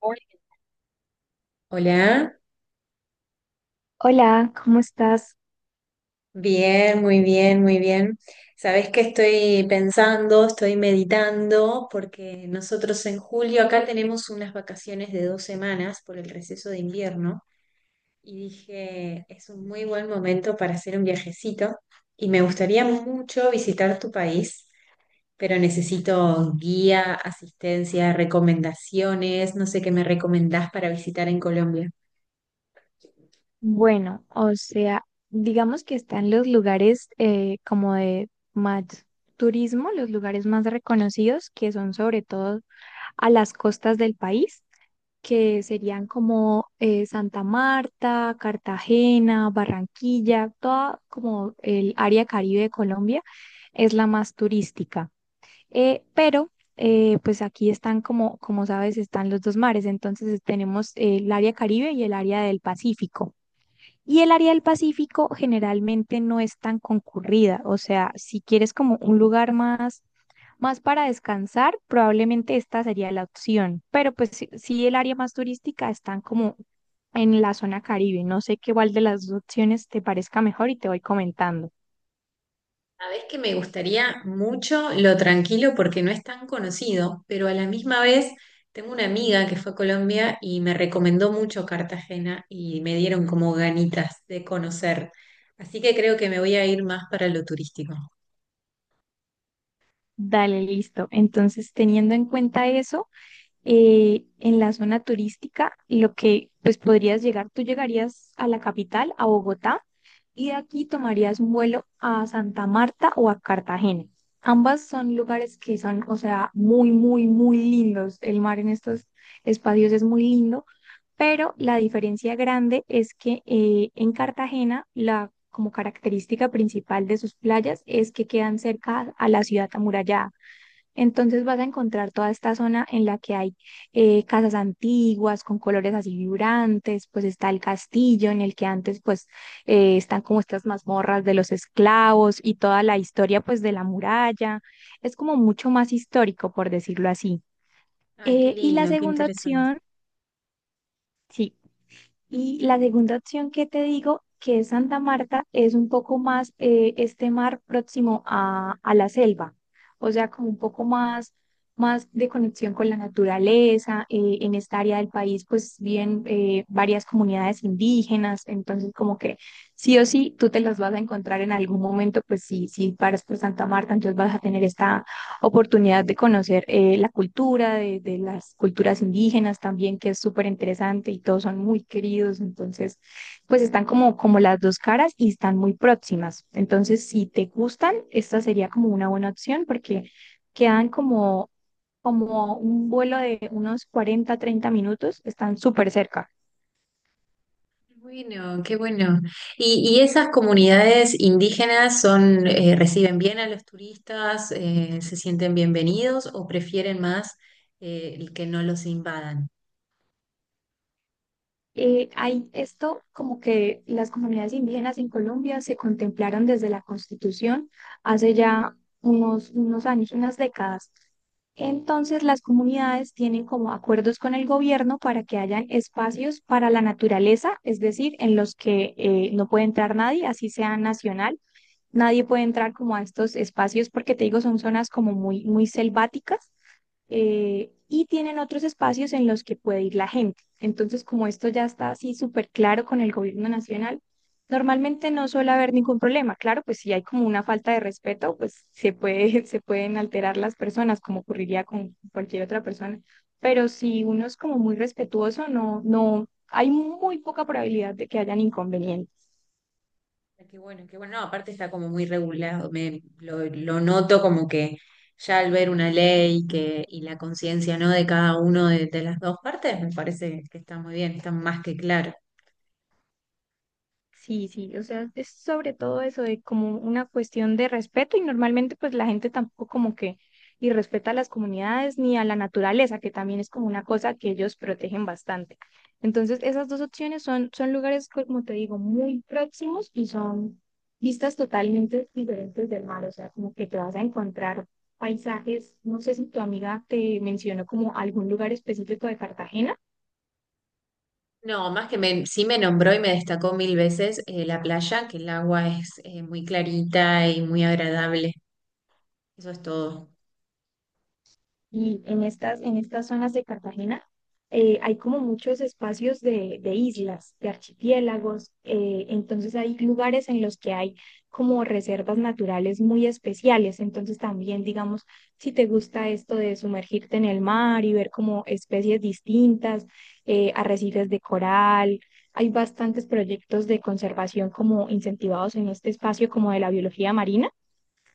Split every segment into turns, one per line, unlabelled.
Hola.
Hola,
Hola, ¿cómo estás?
bien, muy bien, muy bien. Sabés que estoy pensando, estoy meditando, porque nosotros en julio acá tenemos unas vacaciones de 2 semanas por el receso de invierno y dije, es un muy buen momento para hacer un viajecito y me gustaría mucho visitar tu país, pero necesito guía, asistencia, recomendaciones, no sé qué me recomendás para visitar en Colombia.
Bueno, o sea, digamos que están los lugares como de más turismo, los lugares más reconocidos, que son sobre todo a las costas del país, que serían como Santa Marta, Cartagena, Barranquilla, toda como el área Caribe de Colombia es la más turística. Pero pues aquí están, como, como sabes, están los dos mares. Entonces tenemos el área Caribe y el área del Pacífico. Y el área del Pacífico generalmente no es tan concurrida. O sea, si quieres como un lugar más, más para descansar, probablemente esta sería la opción. Pero pues sí, sí el área más turística están como en la zona Caribe. No sé qué cuál de las dos opciones te parezca mejor y te voy comentando.
Sabés que me gustaría mucho lo tranquilo porque no es tan conocido, pero a la misma vez tengo una amiga que fue a Colombia y me recomendó mucho Cartagena y me dieron como ganitas de conocer. Así que creo que me voy a ir más para lo turístico.
Dale, listo. Entonces, teniendo en cuenta eso, en la zona turística, lo que pues podrías llegar, tú llegarías a la capital, a Bogotá, y de aquí tomarías un vuelo a Santa Marta o a Cartagena. Ambas son lugares que son, o sea, muy, muy, muy lindos. El mar en estos espacios es muy lindo, pero la diferencia grande es que en Cartagena la como característica principal de sus playas es que quedan cerca a la ciudad amurallada. Entonces vas a encontrar toda esta zona en la que hay casas antiguas con colores así vibrantes, pues está el castillo en el que antes pues están como estas mazmorras de los esclavos y toda la historia pues de la muralla. Es como mucho más histórico, por decirlo así.
Ay, qué
Y la
lindo, qué
segunda
interesante.
opción, sí, y la segunda opción que te digo, que es Santa Marta, es un poco más este mar próximo a la selva, o sea, como un poco más, más de conexión con la naturaleza. En esta área del país, pues viven varias comunidades indígenas, entonces como que sí o sí, tú te las vas a encontrar en algún momento, pues sí, si paras por Santa Marta, entonces vas a tener esta oportunidad de conocer la cultura de las culturas indígenas también, que es súper interesante y todos son muy queridos, entonces pues están como, como las dos caras y están muy próximas. Entonces, si te gustan, esta sería como una buena opción porque quedan como, como un vuelo de unos 40 30 minutos, están súper cerca.
Bueno, qué bueno. ¿Y esas comunidades indígenas reciben bien a los turistas, se sienten bienvenidos o prefieren más que no los invadan?
Hay esto como que las comunidades indígenas en Colombia se contemplaron desde la Constitución hace ya unos, unos años, unas décadas. Entonces, las comunidades tienen como acuerdos con el gobierno para que hayan espacios para la naturaleza, es decir, en los que no puede entrar nadie, así sea nacional. Nadie puede entrar como a estos espacios porque te digo, son zonas como muy, muy selváticas y tienen otros espacios en los que puede ir la gente. Entonces, como esto ya está así súper claro con el gobierno nacional, normalmente no suele haber ningún problema. Claro, pues si hay como una falta de respeto, pues se puede, se pueden alterar las personas, como ocurriría con cualquier otra persona. Pero si uno es como muy respetuoso, no, no, hay muy poca probabilidad de que hayan inconvenientes.
Ah, qué bueno, qué bueno. No, aparte está como muy regulado. Lo noto como que ya al ver una ley y la conciencia, ¿no?, de cada uno de las dos partes. Me parece que está muy bien, está más que claro.
Sí, sí, o sea, es sobre todo eso de como una cuestión de respeto y normalmente pues la gente tampoco como que y respeta a las comunidades ni a la naturaleza, que también es como una cosa que ellos protegen bastante. Entonces, esas dos opciones son, son lugares, como te digo, muy próximos y son vistas totalmente diferentes del mar, o sea, como que te vas a encontrar paisajes, no sé si tu amiga te mencionó como algún lugar específico de Cartagena.
No, sí me nombró y me destacó mil veces la playa, que el agua es muy clarita y muy agradable. Eso es todo.
Y en estas zonas de Cartagena hay como muchos espacios de islas, de archipiélagos, entonces hay lugares en los que hay como reservas naturales muy especiales, entonces también digamos, si te gusta esto de sumergirte en el mar y ver como especies distintas, arrecifes de coral, hay bastantes proyectos de conservación como incentivados en este espacio como de la biología marina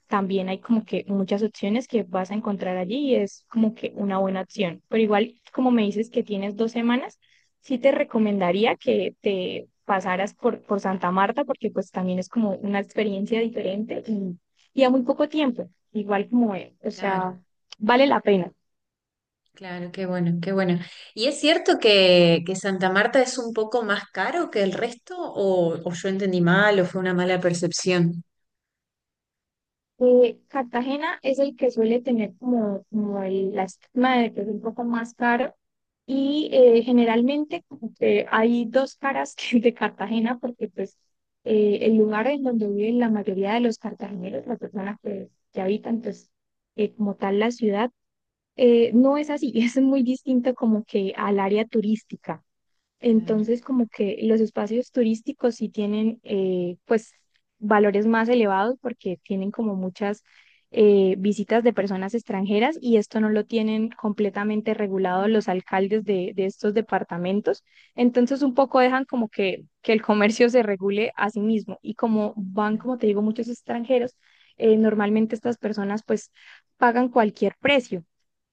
también hay como que muchas opciones que vas a encontrar allí y es como que una buena opción. Pero igual, como me dices que tienes 2 semanas, sí te recomendaría que te pasaras por Santa Marta porque pues también es como una experiencia diferente y a muy poco tiempo. Igual como, o
Claro,
sea, vale la pena.
claro, qué bueno, qué bueno. ¿Y es cierto que Santa Marta es un poco más caro que el resto? ¿O yo entendí mal o fue una mala percepción?
Cartagena es el que suele tener como, como el, la estigma de que es un poco más caro y generalmente como que hay dos caras de Cartagena porque pues el lugar en donde viven la mayoría de los cartageneros, las personas que habitan pues como tal la ciudad, no es así, es muy distinto como que al área turística.
Claro,
Entonces, como que los espacios turísticos sí tienen, pues, valores más elevados porque tienen como muchas visitas de personas extranjeras y esto no lo tienen completamente regulado los alcaldes de estos departamentos. Entonces, un poco dejan como que el comercio se regule a sí mismo y como van,
claro,
como te digo, muchos extranjeros, normalmente estas personas pues pagan cualquier precio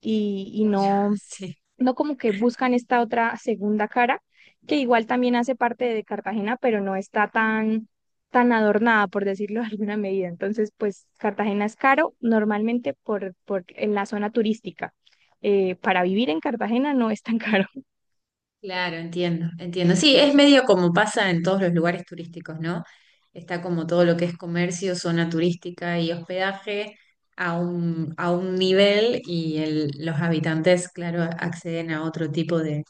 y
claro,
no
sí,
no como que buscan esta otra segunda cara, que igual también hace parte de Cartagena, pero no está tan, tan adornada, por decirlo de alguna medida. Entonces, pues Cartagena es caro normalmente por en la zona turística. Para vivir en Cartagena no es tan caro.
claro, entiendo, entiendo. Sí, es medio como pasa en todos los lugares turísticos, ¿no? Está como todo lo que es comercio, zona turística y hospedaje a un nivel, y los habitantes, claro, acceden a otro tipo de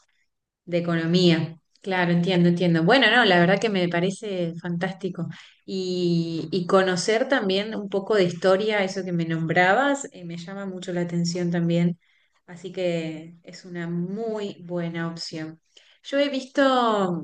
economía. Claro, entiendo, entiendo. Bueno, no, la verdad que me parece fantástico. Y conocer también un poco de historia, eso que me nombrabas, me llama mucho la atención también. Así que es una muy buena opción. Yo he visto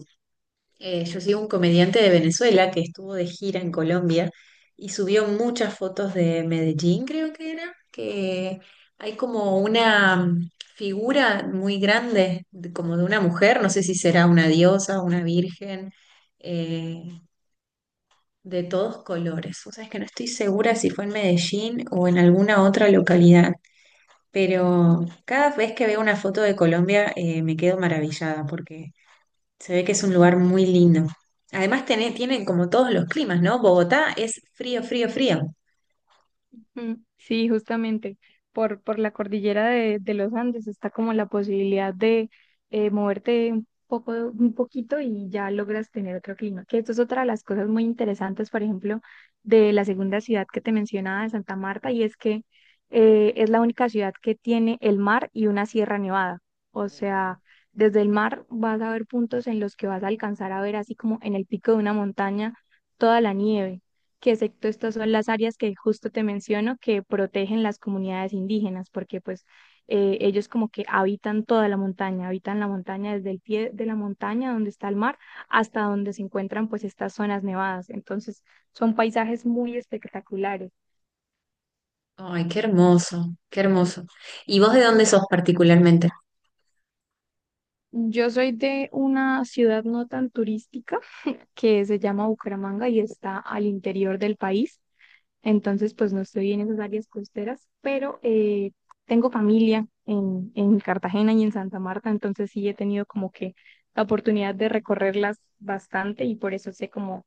yo sigo un comediante de Venezuela que estuvo de gira en Colombia y subió muchas fotos de Medellín, creo que era, que hay como una figura muy grande, como de una mujer, no sé si será una diosa, una virgen, eh, de todos colores. O sea, es que no estoy segura si fue en Medellín o en alguna otra localidad, pero cada vez que veo una foto de Colombia, me quedo maravillada porque... se ve que es un lugar muy lindo. Además, tienen como todos los climas, ¿no? Bogotá es frío, frío, frío.
Mm, sí, justamente por la cordillera de los Andes está como la posibilidad de moverte un poco, un poquito y ya logras tener otro clima. Que esto es otra de las cosas muy interesantes, por ejemplo, de la segunda ciudad que te mencionaba, de Santa Marta, y es que es la única ciudad que tiene el mar y una sierra nevada. O sea, desde el mar vas a ver puntos en los que vas a alcanzar a ver así como en el pico de una montaña toda la nieve que excepto estas son las áreas que justo te menciono que protegen las comunidades indígenas, porque pues ellos como que habitan toda la montaña, habitan la montaña desde el pie de la montaña donde está el mar hasta donde se encuentran pues estas zonas nevadas. Entonces son paisajes muy espectaculares.
Ay, qué hermoso, qué hermoso. ¿Y vos de dónde sos particularmente?
Yo soy de una ciudad no tan turística que se llama Bucaramanga y está al interior del país. Entonces, pues no estoy en esas áreas costeras, pero tengo familia en Cartagena y en Santa Marta, entonces sí he tenido como que la oportunidad de recorrerlas bastante y por eso sé como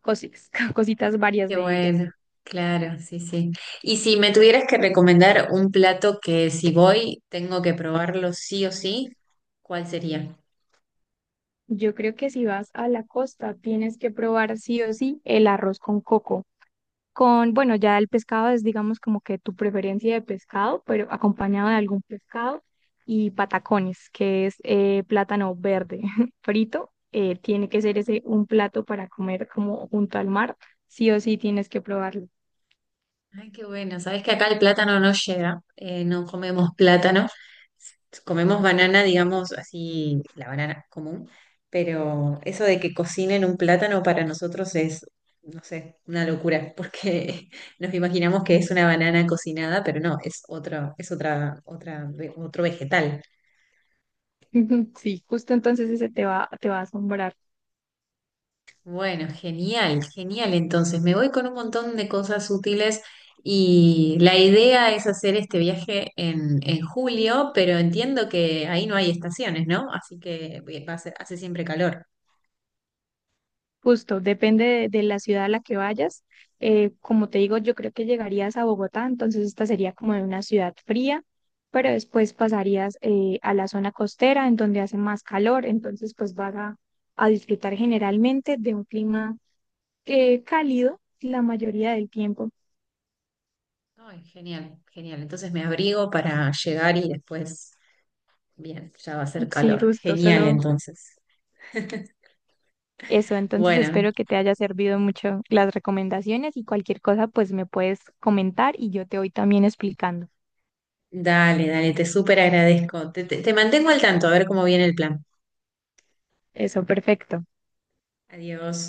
cositas, cositas varias
Qué
de ellas.
bueno, claro, sí, sí. Y si me tuvieras que recomendar un plato que si voy tengo que probarlo sí o sí, ¿cuál sería?
Yo creo que si vas a la costa tienes que probar sí o sí el arroz con coco. Con, bueno, ya el pescado es, digamos, como que tu preferencia de pescado, pero acompañado de algún pescado y patacones, que es plátano verde frito. Tiene que ser ese un plato para comer como junto al mar. Sí o sí tienes que probarlo.
Ay, qué bueno. Sabes que acá el plátano no llega, no comemos plátano, comemos banana, digamos así, la banana común, pero eso de que cocinen un plátano para nosotros es, no sé, una locura, porque nos imaginamos que es una banana cocinada, pero no, es otra, otra, otro vegetal.
Sí, justo entonces ese te va a asombrar.
Bueno, genial, genial. Entonces, me voy con un montón de cosas útiles y la idea es hacer este viaje en julio, pero entiendo que ahí no hay estaciones, ¿no? Así que hace siempre calor.
Justo, depende de la ciudad a la que vayas. Como te digo, yo creo que llegarías a Bogotá, entonces esta sería como de una ciudad fría, pero después pasarías a la zona costera, en donde hace más calor, entonces pues vas a disfrutar generalmente de un clima cálido la mayoría del tiempo.
Ay, genial, genial. Entonces me abrigo para llegar y después, bien, ya va a ser
Sí,
calor.
justo,
Genial,
solo
entonces.
eso. Entonces
Bueno,
espero que te haya servido mucho las recomendaciones y cualquier cosa pues me puedes comentar y yo te voy también explicando.
dale, dale, te súper agradezco. Te mantengo al tanto, a ver cómo viene el plan.
Eso, perfecto.
Adiós.